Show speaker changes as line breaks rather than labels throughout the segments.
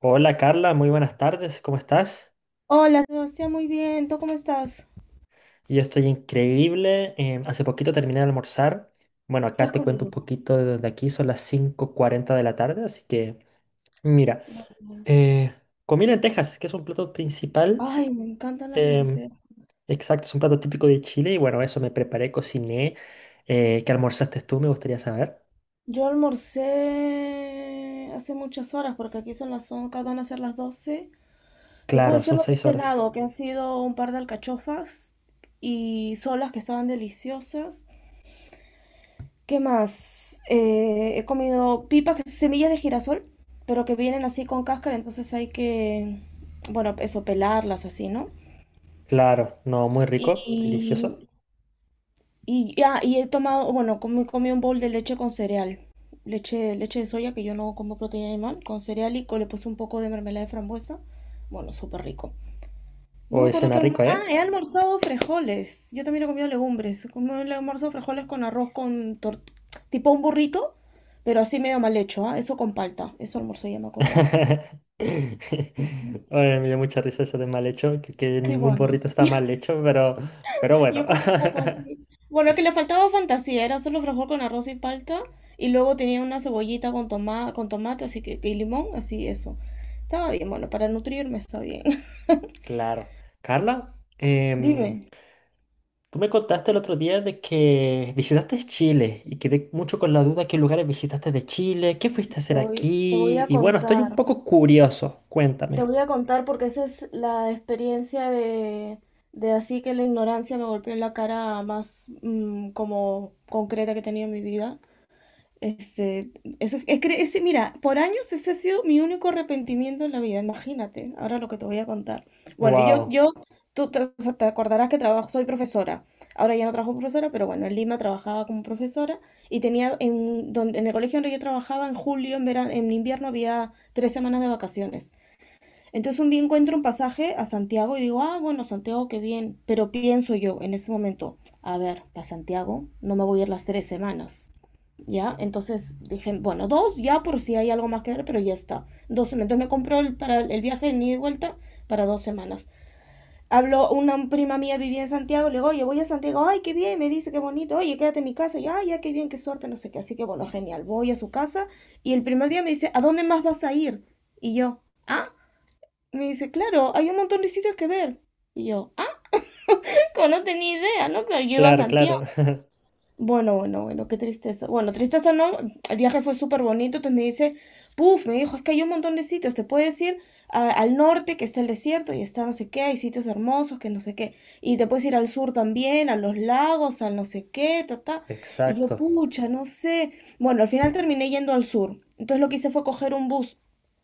Hola Carla, muy buenas tardes, ¿cómo estás?
Hola, Sebastián, muy bien. ¿Tú cómo estás?
Yo estoy increíble, hace poquito terminé de almorzar. Bueno,
¿Qué
acá
has
te cuento
comido?
un poquito desde aquí, son las 5:40 de la tarde, así que mira,
Muy bien.
eh, comí lentejas, que es un plato principal.
Ay, me encantan las
em,
lentejas.
exacto, es un plato típico de Chile y bueno, eso me preparé, cociné. ¿Qué almorzaste tú? Me gustaría saber.
Yo almorcé hace muchas horas porque aquí son las 11, van a ser las 12. Te puedo
Claro,
decir
son
lo que he
6 horas.
cenado, que han sido un par de alcachofas y solas que estaban deliciosas. ¿Qué más? He comido pipas, que son semillas de girasol, pero que vienen así con cáscara, entonces hay que, bueno, eso, pelarlas así, ¿no?
Claro, no, muy rico, delicioso.
Y Y ya he tomado, bueno, comí un bowl de leche con cereal. Leche, leche de soya, que yo no como proteína animal, con cereal le puse un poco de mermelada de frambuesa. Bueno, súper rico. No me
Hoy
acuerdo
suena rico,
ah,
¿eh?
he almorzado frijoles. Yo también he comido legumbres. He almorzado frijoles con arroz tipo un burrito, pero así medio mal hecho, ¿ah? Eso con palta. Eso almorcé, ya me acordé. Sí, sí.
Oye, me dio mucha risa eso de mal hecho, que
Sí,
ningún
bueno,
burrito
sí.
está mal hecho, pero bueno.
Yo como un poco así. Bueno, que le faltaba fantasía, era solo frijol con arroz y palta, y luego tenía una cebollita con tomate, así que, y limón, así eso. Estaba bien, bueno, para nutrirme está bien.
Claro. Carla,
Dime.
tú me contaste el otro día de que visitaste Chile y quedé mucho con la duda qué lugares visitaste de Chile, qué
Sí,
fuiste a
te
hacer
voy, te voy
aquí.
a
Y bueno, estoy un
contar.
poco curioso,
Te
cuéntame.
voy a contar porque esa es la experiencia de, así que la ignorancia me golpeó en la cara más como concreta que he tenido en mi vida. Este, es, que ese, mira, por años ese ha sido mi único arrepentimiento en la vida, imagínate, ahora lo que te voy a contar. Bueno, yo,
Wow,
yo, tú te, o sea, te acordarás que trabajo, soy profesora, ahora ya no trabajo como profesora, pero bueno, en Lima trabajaba como profesora y tenía, en el colegio donde yo trabajaba, en julio, en verano, en invierno había tres semanas de vacaciones. Entonces un día encuentro un pasaje a Santiago y digo, ah, bueno, Santiago, qué bien, pero pienso yo en ese momento, a ver, para Santiago no me voy a ir las tres semanas, ¿ya? Entonces dije, bueno, dos ya por si hay algo más que ver, pero ya está. Dos semanas. Entonces me compró el, para el viaje de ida y vuelta para dos semanas. Habló una prima mía, vivía en Santiago, le digo, oye, voy a Santiago, ay, qué bien, me dice, qué bonito, oye, quédate en mi casa, yo, ay, ya, qué bien, qué suerte, no sé qué, así que bueno, genial, voy a su casa y el primer día me dice, ¿a dónde más vas a ir? Y yo, ah, me dice, claro, hay un montón de sitios que ver. Y yo, ah, no tenía idea, ¿no? Claro, yo iba a
claro, claro.
Santiago. Bueno, bueno, bueno, qué tristeza. Bueno, tristeza no, el viaje fue súper bonito, entonces me dice, puf, me dijo, es que hay un montón de sitios, te puedes ir al norte, que está el desierto, y está no sé qué, hay sitios hermosos, que no sé qué, y te puedes ir al sur también, a los lagos, al no sé qué, ta, ta. Y yo,
Exacto,
pucha, no sé. Bueno, al final terminé yendo al sur, entonces lo que hice fue coger un bus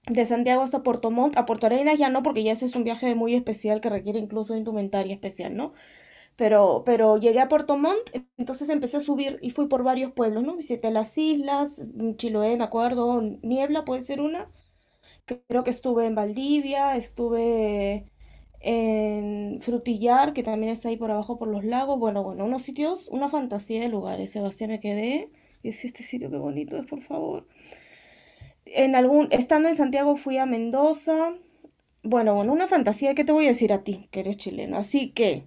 de Santiago hasta Puerto Montt, a Puerto Arenas ya no, porque ya ese es un viaje muy especial que requiere incluso indumentaria especial, ¿no? Pero llegué a Puerto Montt, entonces empecé a subir y fui por varios pueblos, ¿no? Visité las islas, Chiloé, me acuerdo, Niebla puede ser una. Creo que estuve en Valdivia, estuve en Frutillar, que también es ahí por abajo por los lagos. Bueno, bueno, unos sitios, una fantasía de lugares. Sebastián, me quedé. Y decía, este sitio qué bonito es, por favor. En algún, estando en Santiago fui a Mendoza. Bueno, bueno, una fantasía, ¿qué te voy a decir a ti, que eres chileno? Así que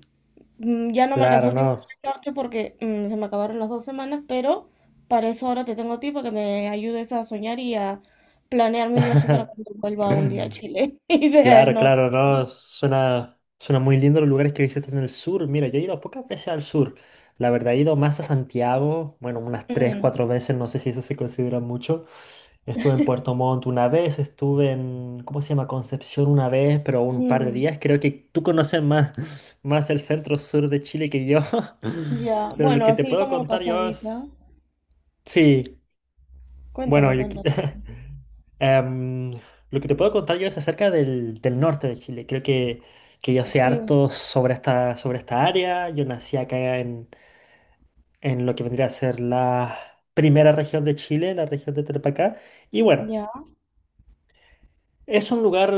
Ya no me alcanzó
claro,
el tiempo
no.
para ayudarte porque se me acabaron las dos semanas, pero para eso ahora te tengo a ti para que me ayudes a soñar y a planear mi viaje para cuando vuelva un día a Chile y vea el
Claro,
norte.
claro, no, suena muy lindo los lugares que visitas en el sur. Mira, yo he ido pocas veces al sur. La verdad, he ido más a Santiago, bueno, unas tres,
Mm,
cuatro veces, no sé si eso se considera mucho. Estuve en Puerto Montt una vez, estuve en, ¿cómo se llama? Concepción una vez, pero un par de
mm,
días. Creo que tú conoces más, más el centro sur de Chile que yo.
ya,
Pero lo
bueno,
que te
así
puedo
como
contar yo
pasadita.
es. Sí, bueno,
Cuéntame,
yo
cuéntame.
Em, lo que te puedo contar yo es acerca del norte de Chile. Creo que yo sé
Sí,
harto sobre esta área. Yo nací acá en lo que vendría a ser la primera región de Chile, la región de Tarapacá. Y bueno,
ya.
es un lugar,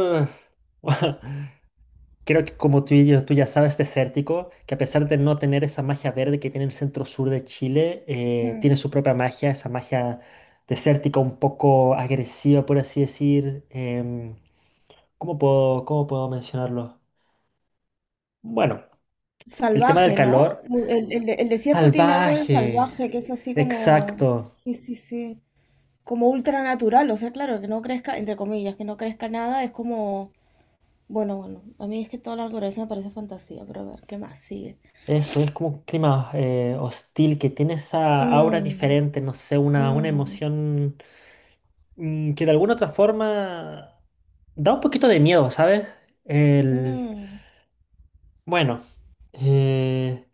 creo que como tú, tú ya sabes, desértico, que a pesar de no tener esa magia verde que tiene el centro sur de Chile, tiene
Mm.
su propia magia, esa magia desértica un poco agresiva, por así decir. ¿Cómo puedo mencionarlo? Bueno, el tema del
Salvaje, ¿no?
calor.
El desierto tiene algo de
Salvaje.
salvaje, que es así como,
Exacto.
sí, sí, sí, como ultranatural, o sea, claro, que no crezca, entre comillas, que no crezca nada, es como. Bueno, bueno, a mí es que toda la naturaleza me parece fantasía, pero a ver, ¿qué más sigue?
Eso es como un clima hostil que tiene esa aura
Mm,
diferente, no sé, una
mm,
emoción que de alguna otra forma da un poquito de miedo, ¿sabes? El,
mm,
bueno, eh,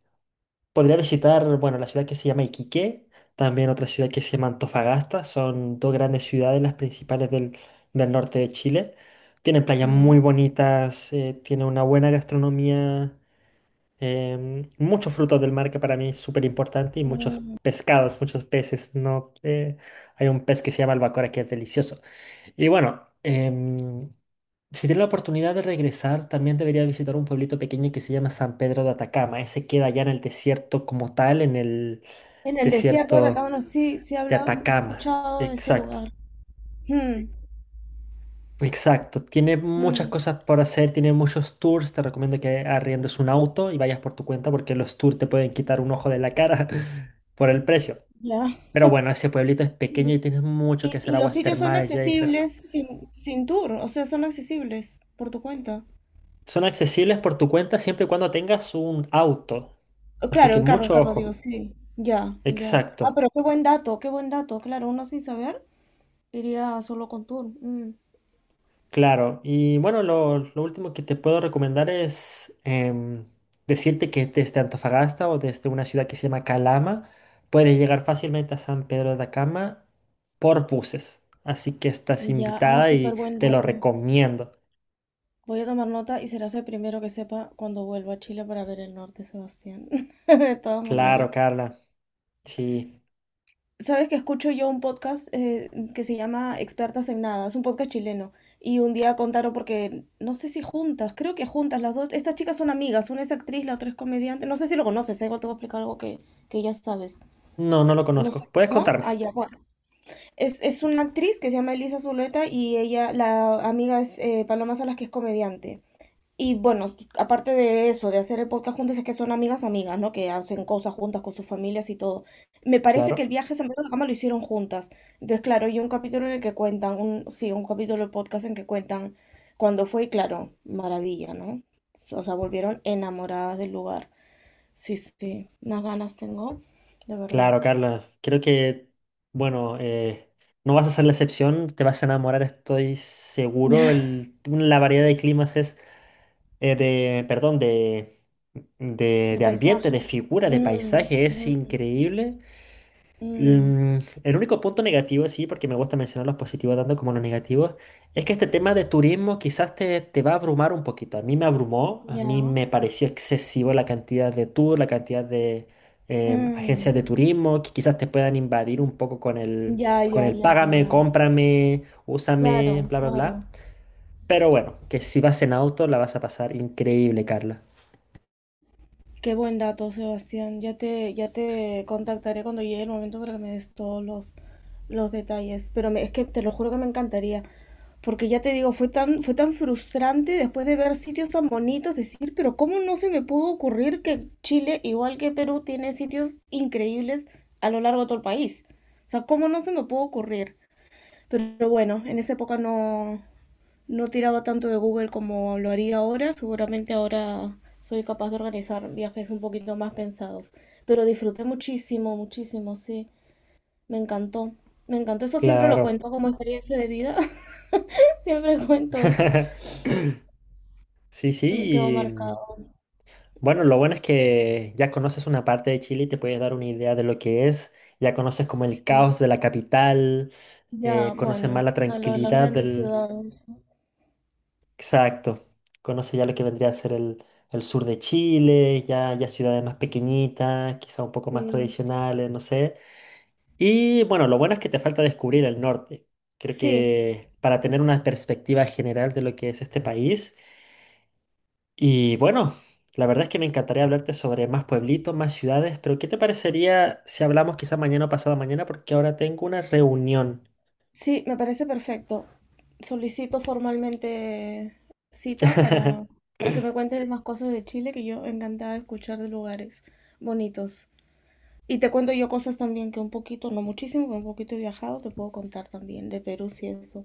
podría visitar, bueno, la ciudad que se llama Iquique, también otra ciudad que se llama Antofagasta, son dos grandes ciudades, las principales del norte de Chile. Tienen playas
ya.
muy bonitas, tienen una buena gastronomía. Muchos frutos del mar que para mí es súper importante y muchos
Mm.
pescados, muchos peces, ¿no? Hay un pez que se llama albacora que es delicioso. Y bueno, si tienes la oportunidad de regresar, también debería visitar un pueblito pequeño que se llama San Pedro de Atacama. Ese queda allá en el desierto como tal, en el
En el desierto de
desierto
Atacama, no, sí, sí he
de
hablado, he
Atacama.
escuchado de ese
Exacto.
lugar. Mm,
Exacto, tiene muchas
mm,
cosas por hacer, tiene muchos tours, te recomiendo que arriendes un auto y vayas por tu cuenta porque los tours te pueden quitar un ojo de la cara por el precio.
ya.
Pero bueno, ese pueblito es
Ya.
pequeño y tienes mucho que
Y,
hacer,
y los
aguas
sitios son
termales, geysers.
accesibles sin tour, o sea, son accesibles por tu cuenta.
Son accesibles por tu cuenta siempre y cuando tengas un auto,
Oh,
así
claro,
que
en
mucho
carro, digo,
ojo.
sí. Ya, ya. Ah,
Exacto.
pero qué buen dato, qué buen dato. Claro, uno sin saber iría solo con tour. Mm.
Claro, y bueno, lo último que te puedo recomendar es decirte que desde Antofagasta o desde una ciudad que se llama Calama, puedes llegar fácilmente a San Pedro de Atacama por buses. Así que estás
Ya, ah,
invitada
súper
y
buen
te lo
dato.
recomiendo.
Voy a tomar nota y serás el primero que sepa cuando vuelva a Chile para ver el norte, Sebastián. De todas
Claro,
maneras.
Carla. Sí.
Sabes que escucho yo un podcast, que se llama Expertas en Nada, es un podcast chileno. Y un día contaron porque, no sé si juntas, creo que juntas las dos. Estas chicas son amigas, una es actriz, la otra es comediante. No sé si lo conoces, ¿eh? Igual te voy a explicar algo que ya sabes.
No, no lo
No sé,
conozco. ¿Puedes
¿no?
contarme?
Ah, ya, bueno. Es una actriz que se llama Elisa Zuleta y ella, la amiga es, Paloma Salas, que es comediante. Y bueno, aparte de eso, de hacer el podcast juntas, es que son amigas, amigas, ¿no? Que hacen cosas juntas con sus familias y todo. Me parece que el
Claro.
viaje a San Pedro de la Cama lo hicieron juntas. Entonces, claro, hay un capítulo en el que cuentan, un, sí, un capítulo del podcast en que cuentan cuando fue, y claro, maravilla, ¿no? O sea, volvieron enamoradas del lugar. Sí, sí, unas ganas tengo, de verdad.
Claro, Carla. Creo que, bueno, no vas a ser la excepción. Te vas a enamorar, estoy seguro. La variedad de climas es de, perdón, de, de,
De
de ambiente, de
paisajes.
figura, de
Mm,
paisaje, es
mm,
increíble.
mm,
Mm, el único punto negativo, sí, porque me gusta mencionar los positivos tanto como los negativos, es que este tema de turismo quizás te va a abrumar un poquito. A mí me abrumó, a mí
ya.
me pareció excesivo la cantidad de tours, la cantidad de
Mm,
agencias de turismo que quizás te puedan invadir un poco
ya,
con
ya,
el
ya,
págame,
ya.
cómprame, úsame,
Claro,
bla, bla, bla.
claro.
Pero bueno, que si vas en auto la vas a pasar increíble, Carla.
Qué buen dato, Sebastián. Ya te contactaré cuando llegue el momento para que me des todos los detalles. Pero es que te lo juro que me encantaría. Porque ya te digo, fue tan frustrante después de ver sitios tan bonitos, decir, pero ¿cómo no se me pudo ocurrir que Chile, igual que Perú, tiene sitios increíbles a lo largo de todo el país? O sea, ¿cómo no se me pudo ocurrir? Pero bueno, en esa época no, no tiraba tanto de Google como lo haría ahora. Seguramente ahora soy capaz de organizar viajes un poquito más pensados. Pero disfruté muchísimo, muchísimo, sí. Me encantó. Me encantó. Eso siempre lo
Claro.
cuento como experiencia de vida. Siempre cuento eso.
Sí,
Me quedó
sí. Y,
marcado.
bueno, lo bueno es que ya conoces una parte de Chile y te puedes dar una idea de lo que es. Ya conoces como el
Sí.
caos de la capital,
Ya,
conoces
bueno,
más la
a lo de las
tranquilidad
grandes
del.
ciudades.
Exacto. Conoces ya lo que vendría a ser el sur de Chile, ya, ya ciudades más pequeñitas, quizá un poco más
Sí.
tradicionales, no sé. Y bueno, lo bueno es que te falta descubrir el norte. Creo
Sí,
que para tener una perspectiva general de lo que es este país. Y bueno, la verdad es que me encantaría hablarte sobre más pueblitos, más ciudades, pero ¿qué te parecería si hablamos quizá mañana o pasado mañana? Porque ahora tengo una reunión.
sí, me parece perfecto. Solicito formalmente cita para, para que me cuentes más cosas de Chile, que yo encantada de escuchar de lugares bonitos. Y te cuento yo cosas también que un poquito, no muchísimo, pero un poquito he viajado, te puedo contar también de Perú si eso,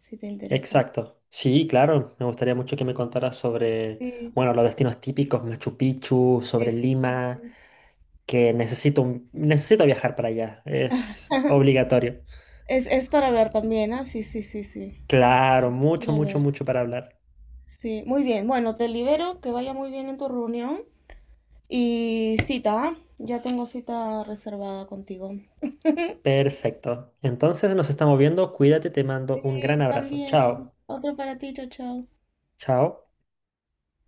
si te interesa.
Exacto. Sí, claro, me gustaría mucho que me contaras sobre,
Sí,
bueno, los destinos típicos, Machu Picchu,
sí,
sobre
sí, sí,
Lima,
sí.
que necesito, necesito viajar para allá, es obligatorio.
Es para ver también, ¿ah? Sí, sí, sí, sí.
Claro,
Sí, es
mucho,
para
mucho,
ver.
mucho para hablar.
Sí, muy bien. Bueno, te libero, que vaya muy bien en tu reunión. Y cita, ¿ah? Ya tengo cita reservada contigo.
Perfecto. Entonces nos estamos viendo, cuídate, te mando un gran
Sí,
abrazo.
también.
Chao.
Otro para ti, chao, chao.
Chao.